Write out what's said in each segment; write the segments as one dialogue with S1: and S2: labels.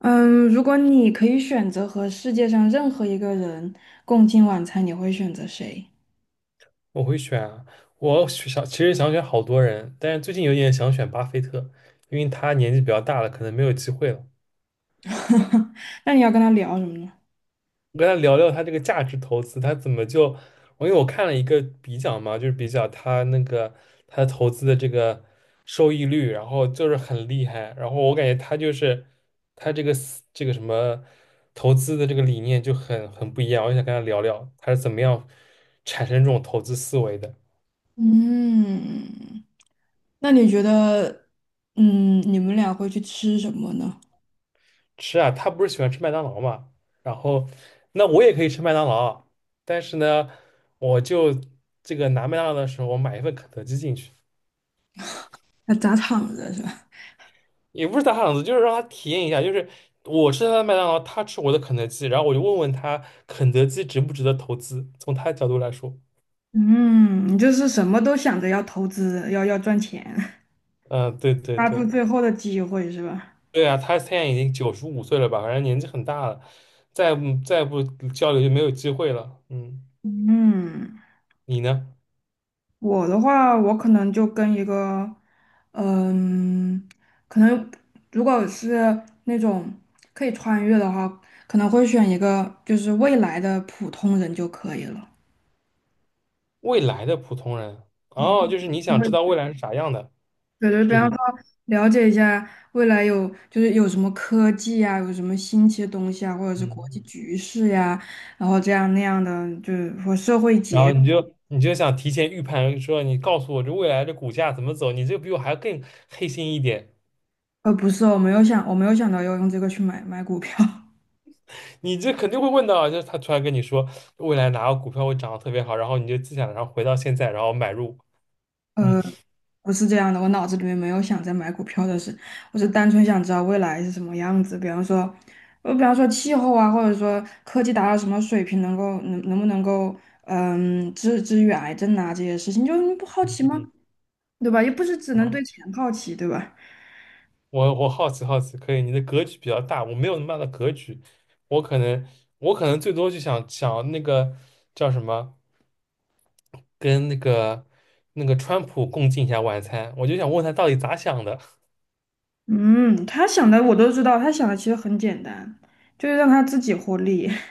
S1: 嗯，如果你可以选择和世界上任何一个人共进晚餐，你会选择谁？
S2: 我会选啊，我想想选好多人，但是最近有点想选巴菲特，因为他年纪比较大了，可能没有机会了。
S1: 那你要跟他聊什么呢？
S2: 我跟他聊聊他这个价值投资，他怎么就，我因为看了一个比较嘛，就是比较他那个他投资的这个收益率，然后就是很厉害，然后我感觉他就是他这个思这个什么投资的这个理念就很不一样，我就想跟他聊聊他是怎么样产生这种投资思维的。
S1: 嗯，那你觉得，你们俩会去吃什么呢？
S2: 吃啊，他不是喜欢吃麦当劳嘛，然后那我也可以吃麦当劳，但是呢，我就这个拿麦当劳的时候，我买一份肯德基进去，
S1: 那砸场子是吧？
S2: 也不是打赏子，就是让他体验一下，就是我吃他的麦当劳，他吃我的肯德基，然后我就问问他肯德基值不值得投资，从他的角度来说，
S1: 嗯，你就是什么都想着要投资，要赚钱。
S2: 嗯，对 对
S1: 抓住
S2: 对，
S1: 最后的机会是吧？
S2: 对啊，他现在已经95岁了吧，反正年纪很大了，再不交流就没有机会了，嗯，
S1: 嗯。
S2: 你呢？
S1: 我的话，我可能就跟一个，嗯，可能如果是那种可以穿越的话，可能会选一个就是未来的普通人就可以了。
S2: 未来的普通人，哦，
S1: 对，
S2: 就是你想知道未来是啥样的，
S1: 对，对，
S2: 是
S1: 比
S2: 这个
S1: 方
S2: 意
S1: 说
S2: 思。
S1: 了解一下未来有有什么科技啊，有什么新奇的东西啊，或者是国际
S2: 嗯，
S1: 局势呀、然后这样那样的，就是和社会
S2: 然后
S1: 结，
S2: 你就想提前预判，说你告诉我这未来的股价怎么走，你这比我还要更黑心一点，
S1: 不是，我没有想到要用这个去买股票。
S2: 你这肯定会问到啊，就是他突然跟你说未来哪个股票会涨得特别好，然后你就自想，然后回到现在，然后买入。嗯
S1: 呃。不是这样的，我脑子里面没有想在买股票的事，我是单纯想知道未来是什么样子。比方说，气候啊，或者说科技达到什么水平，能够能能不能够，治愈癌症啊这些事情，就你不好
S2: 嗯
S1: 奇吗？
S2: 嗯，
S1: 对吧？又不是只能对
S2: 我
S1: 钱好奇，对吧？
S2: 我好奇好奇，可以，你的格局比较大，我没有那么大的格局，我可能我可能最多就想想那个叫什么。跟那个那个川普共进一下晚餐，我就想问他到底咋想的，
S1: 嗯，他想的我都知道，他想的其实很简单，就是让他自己获利。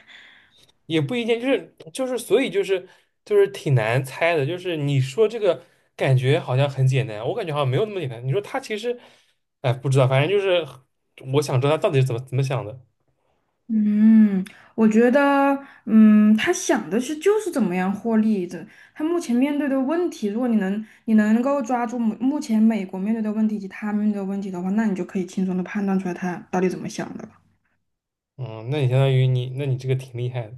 S2: 也不一定，所以就是挺难猜的，就是你说这个感觉好像很简单，我感觉好像没有那么简单。你说他其实，哎，不知道，反正就是我想知道他到底是怎么想的。
S1: 嗯，我觉得，他想的是就是怎么样获利的。他目前面对的问题，如果你能够抓住目前美国面对的问题以及他面对的问题的话，那你就可以轻松的判断出来他到底怎么想的了。
S2: 嗯，那你相当于你，那你这个挺厉害的，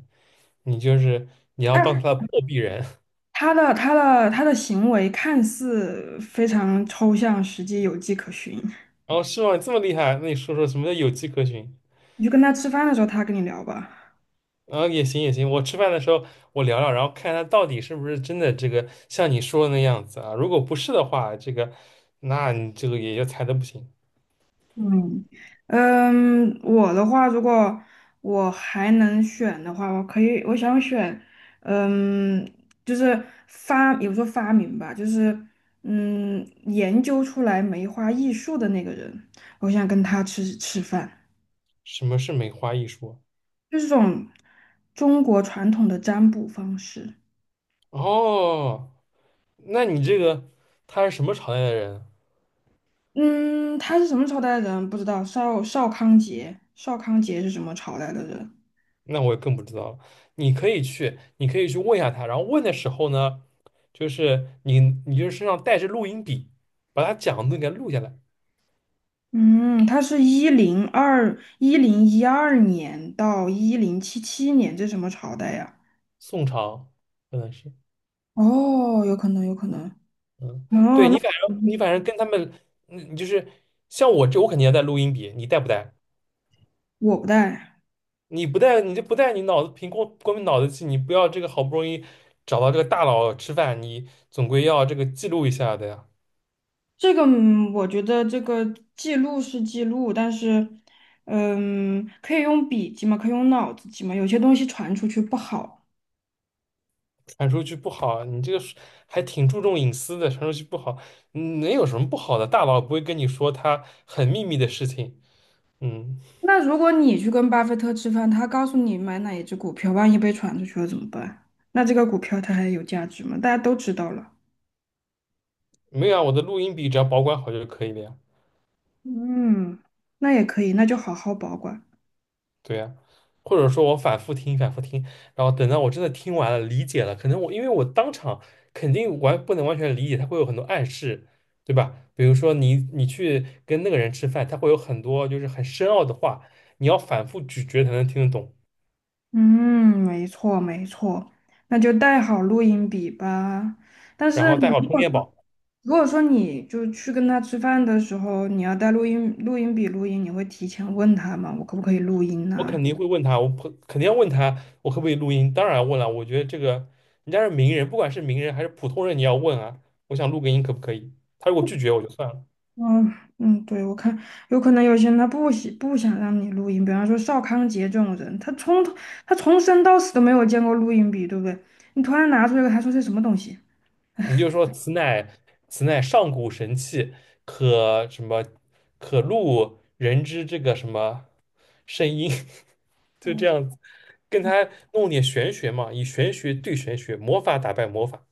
S2: 你就是你要
S1: 但
S2: 当他
S1: 是
S2: 的破壁人，
S1: 他的行为看似非常抽象，实际有迹可循。
S2: 然后是吗？你这么厉害，那你说说什么叫有迹可循？
S1: 你就跟他吃饭的时候，他跟你聊吧。
S2: 啊，也行也行，我吃饭的时候我聊聊，然后看他到底是不是真的这个像你说的那样子啊。如果不是的话，这个那你这个也就猜的不行。
S1: 嗯我的话，如果我还能选的话，我可以，我想选，嗯，就是也不说发明吧，就是研究出来梅花易数的那个人，我想跟他吃饭，
S2: 什么是梅花易数啊
S1: 就是这种中国传统的占卜方式。
S2: 哦，那你这个他是什么朝代的人？
S1: 嗯，他是什么朝代的人不知道，邵康节，邵康节是什么朝代的人？
S2: 那我更不知道了。你可以去，你可以去问一下他，然后问的时候呢，就是你你就是身上带着录音笔，把他讲的给他录下来。
S1: 嗯，它是1021零一二年到1077年，这什么朝代呀？
S2: 宋朝可能是。
S1: 哦，有可能，有可能。
S2: 嗯，
S1: 哦，
S2: 对你
S1: 那
S2: 反正你
S1: 嗯
S2: 反正跟他们，嗯，就是像我这，我肯定要带录音笔，你带不带？
S1: 我不带
S2: 你不带，你就不带，你脑子凭光光凭脑子记，你不要这个好不容易找到这个大佬吃饭，你总归要这个记录一下的呀，
S1: 这个。嗯我觉得这个记录是记录，但是，可以用笔记嘛，可以用脑子记嘛，有些东西传出去不好。
S2: 传出去不好，你这个是还挺注重隐私的，传出去不好，嗯能有什么不好的？大佬不会跟你说他很秘密的事情，嗯，
S1: 那如果你去跟巴菲特吃饭，他告诉你买哪一只股票，万一被传出去了怎么办？那这个股票它还有价值吗？大家都知道了。
S2: 没有啊，我的录音笔只要保管好就可以了呀。
S1: 嗯，那也可以，那就好好保管。
S2: 对呀，或者说我反复听、反复听，然后等到我真的听完了、理解了，可能我因为我当场肯定完不能完全理解，他会有很多暗示，对吧？比如说你你去跟那个人吃饭，他会有很多就是很深奥的话，你要反复咀嚼才能听得懂。
S1: 嗯，没错没错，那就带好录音笔吧。但
S2: 然
S1: 是
S2: 后
S1: 你
S2: 带好
S1: 如
S2: 充
S1: 果
S2: 电
S1: 说
S2: 宝，
S1: 如果说你就去跟他吃饭的时候，你要带录音笔录音，你会提前问他吗？我可不可以录音
S2: 我
S1: 呢、
S2: 肯定会问他，我不肯定要问他我可不可以录音，当然问了，我觉得这个人家是名人，不管是名人还是普通人，你要问啊，我想录个音可不可以？他如果拒绝我就算了。
S1: 嗯，对，我看有可能有些人他不想让你录音，比方说邵康杰这种人，他从生到死都没有见过录音笔，对不对？你突然拿出来，他说这什么东西？
S2: 你就说此乃上古神器，可什么可录人之这个什么声音，就这样子，跟他弄点玄学嘛，以玄学对玄学，魔法打败魔法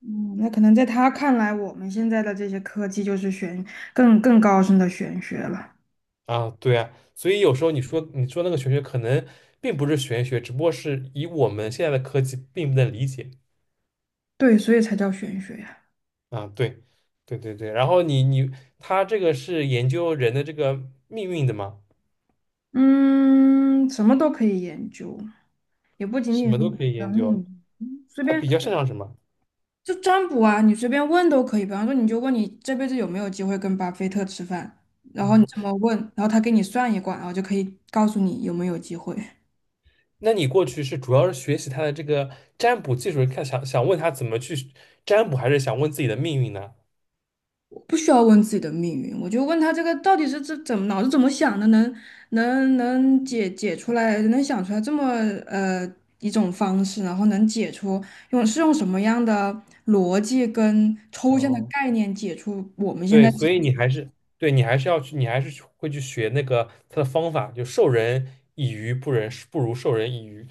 S1: 嗯，那可能在他看来，我们现在的这些科技就是更高深的玄学了。
S2: 啊，对啊，所以有时候你说那个玄学可能并不是玄学，只不过是以我们现在的科技并不能理解
S1: 对，所以才叫玄学呀。
S2: 啊，对对对对，然后你你他这个是研究人的这个命运的嘛，
S1: 嗯，什么都可以研究，也不仅
S2: 什
S1: 仅是
S2: 么都
S1: 你
S2: 可
S1: 的
S2: 以
S1: 生
S2: 研究，
S1: 命，随
S2: 他
S1: 便
S2: 比较擅长什么？
S1: 就占卜啊，你随便问都可以。比方说，你就问你这辈子有没有机会跟巴菲特吃饭，然后你
S2: 嗯。
S1: 这么问，然后他给你算一卦，然后就可以告诉你有没有机会。
S2: 那你过去是主要是学习他的这个占卜技术，看想想问他怎么去占卜，还是想问自己的命运呢？
S1: 不需要问自己的命运，我就问他这个到底怎么脑子怎么想的，能解出来，能想出来这么呃一种方式，然后能解出用什么样的逻辑跟抽
S2: 然
S1: 象的
S2: 后
S1: 概念解出我们现
S2: 对，
S1: 在。
S2: 所以你还是对你还是要去，你还是去会去学那个他的方法，就授人以鱼不如授人以渔。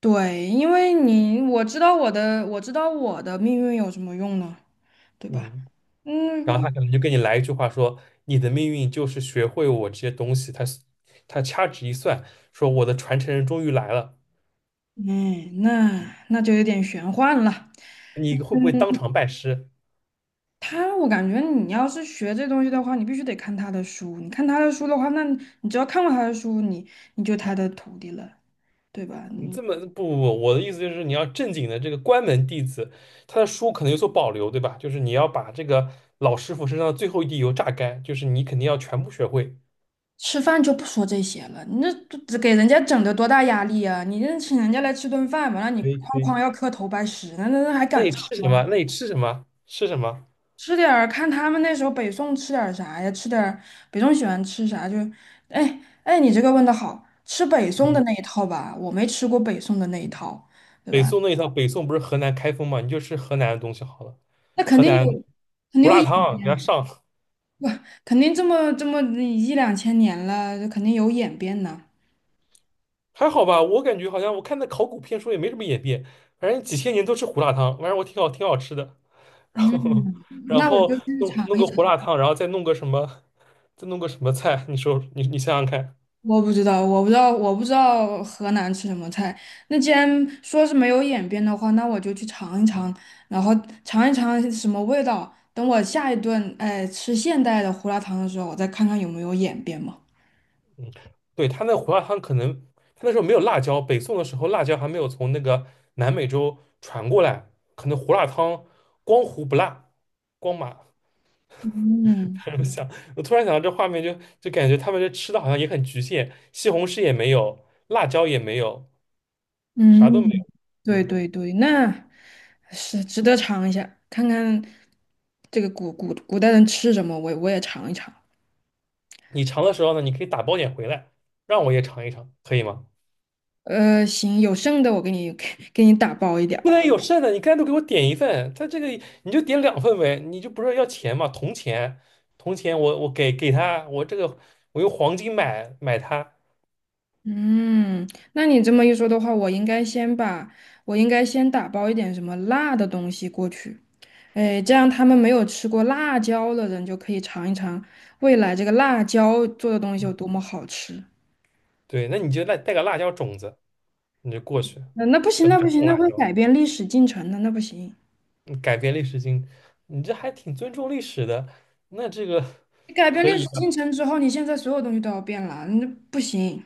S1: 对，因为我知道我的命运有什么用呢，对吧？
S2: 嗯，然后
S1: 不
S2: 他可能就跟你来一句话说，你的命运就是学会我这些东西。他他掐指一算，说我的传承人终于来了，
S1: 哎那就有点玄幻了。
S2: 你会不会当场拜师？
S1: 我感觉你要是学这东西的话，你必须得看他的书。你看他的书的话，那你只要看过他的书，你就他的徒弟了，对吧？
S2: 你
S1: 你
S2: 这么不不不，我的意思就是你要正经的这个关门弟子，他的书可能有所保留，对吧？就是你要把这个老师傅身上的最后一滴油榨干，就是你肯定要全部学会。
S1: 吃饭就不说这些了，你这给人家整的多大压力啊！你这请人家来吃顿饭，完了你
S2: 可以
S1: 哐
S2: 可以，
S1: 哐要磕头拜师，那还
S2: 那
S1: 敢
S2: 你
S1: 吃？
S2: 吃什么？那你吃什么？吃什么？
S1: 吃点儿看他们那时候北宋吃点儿啥呀？吃点儿北宋喜欢吃啥就，哎哎，你这个问的好，吃北宋的
S2: 嗯，
S1: 那一套吧，我没吃过北宋的那一套，对
S2: 北
S1: 吧？
S2: 宋那一套，北宋不是河南开封嘛？你就吃河南的东西好了，
S1: 那肯
S2: 河
S1: 定
S2: 南
S1: 有。肯
S2: 胡
S1: 定有
S2: 辣汤给他上，
S1: 哇，肯定这么一两千年了，肯定有演变呢。
S2: 还好吧？我感觉好像我看那考古片说也没什么演变，反正几千年都吃胡辣汤，反正我挺好挺好吃的。然后
S1: 嗯，
S2: 然
S1: 那我
S2: 后
S1: 就去
S2: 弄
S1: 尝
S2: 弄
S1: 一，
S2: 个胡辣汤，然后再弄个什么，再弄个什么菜？你说你你想想看，
S1: 我不知道河南吃什么菜。那既然说是没有演变的话，那我就去尝一尝，然后尝一尝是什么味道。等我下一顿，哎，吃现代的胡辣汤的时候，我再看看有没有演变嘛。
S2: 嗯，对，他那胡辣汤可能他那时候没有辣椒，北宋的时候辣椒还没有从那个南美洲传过来，可能胡辣汤光胡不辣，光麻。
S1: 嗯
S2: 我想，我突然想到这画面就，就感觉他们这吃的好像也很局限，西红柿也没有，辣椒也没有，啥都没
S1: 嗯，
S2: 有。
S1: 对
S2: 嗯，
S1: 对对，那是值得尝一下，看看这个古代人吃什么，我也尝一尝。
S2: 你尝的时候呢，你可以打包点回来，让我也尝一尝，可以吗？
S1: 行，有剩的我给你 给你打包一点
S2: 不
S1: 儿。
S2: 能有剩的，你干脆给我点一份，他这个你就点两份呗，你就不是要钱嘛，铜钱，铜钱我给给他，我这个我用黄金买买它，
S1: 嗯，那你这么一说的话，我应该先打包一点什么辣的东西过去，哎，这样他们没有吃过辣椒的人就可以尝一尝未来这个辣椒做的东西有多么好吃。
S2: 对，那你就带带个辣椒种子，你就过去，
S1: 那不行，
S2: 整
S1: 那
S2: 个
S1: 不行，
S2: 种
S1: 那
S2: 辣
S1: 会
S2: 椒，
S1: 改变历史进程的，那不行。
S2: 你改变历史经，你这还挺尊重历史的，那这个
S1: 你改变
S2: 可
S1: 历史
S2: 以
S1: 进
S2: 的，
S1: 程之后，你现在所有东西都要变了，那不行。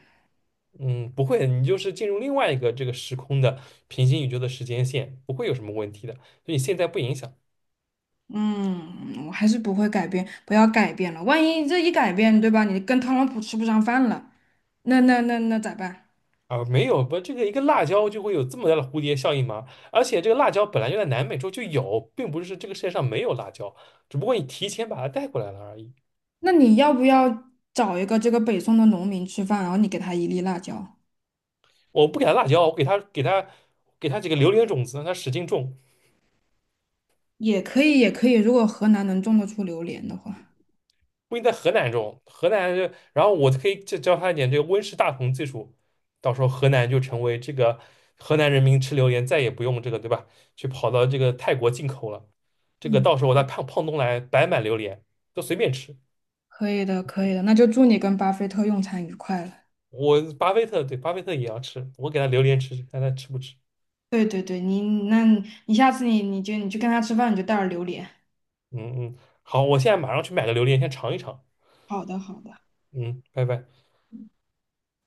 S2: 嗯，不会，你就是进入另外一个这个时空的平行宇宙的时间线，不会有什么问题的，所以你现在不影响。
S1: 嗯，我还是不会改变，不要改变了。万一这一改变，对吧？你跟特朗普吃不上饭了，那那咋办？
S2: 啊，没有不，这个一个辣椒就会有这么大的蝴蝶效应吗？而且这个辣椒本来就在南美洲就有，并不是这个世界上没有辣椒，只不过你提前把它带过来了而已。
S1: 那你要不要找一个这个北宋的农民吃饭，然后你给他一粒辣椒，
S2: 我不给他辣椒，我给他几个榴莲种子，让它使劲种。
S1: 也可以，也可以。如果河南能种得出榴莲的话，
S2: 不一定在河南种，河南就，然后我可以教教他一点这个温室大棚技术，到时候河南就成为这个河南人民吃榴莲再也不用这个对吧？去跑到这个泰国进口了，这个
S1: 嗯，
S2: 到时候我在胖胖东来白买榴莲，都随便吃。
S1: 可以的，可以的。那就祝你跟巴菲特用餐愉快了。
S2: 我巴菲特对巴菲特也要吃，我给他榴莲吃吃，看他吃不吃。
S1: 对对对，那你下次你去跟他吃饭，你就带点榴莲。
S2: 嗯嗯，好，我现在马上去买个榴莲，先尝一尝。
S1: 好的，好的。
S2: 嗯，拜拜。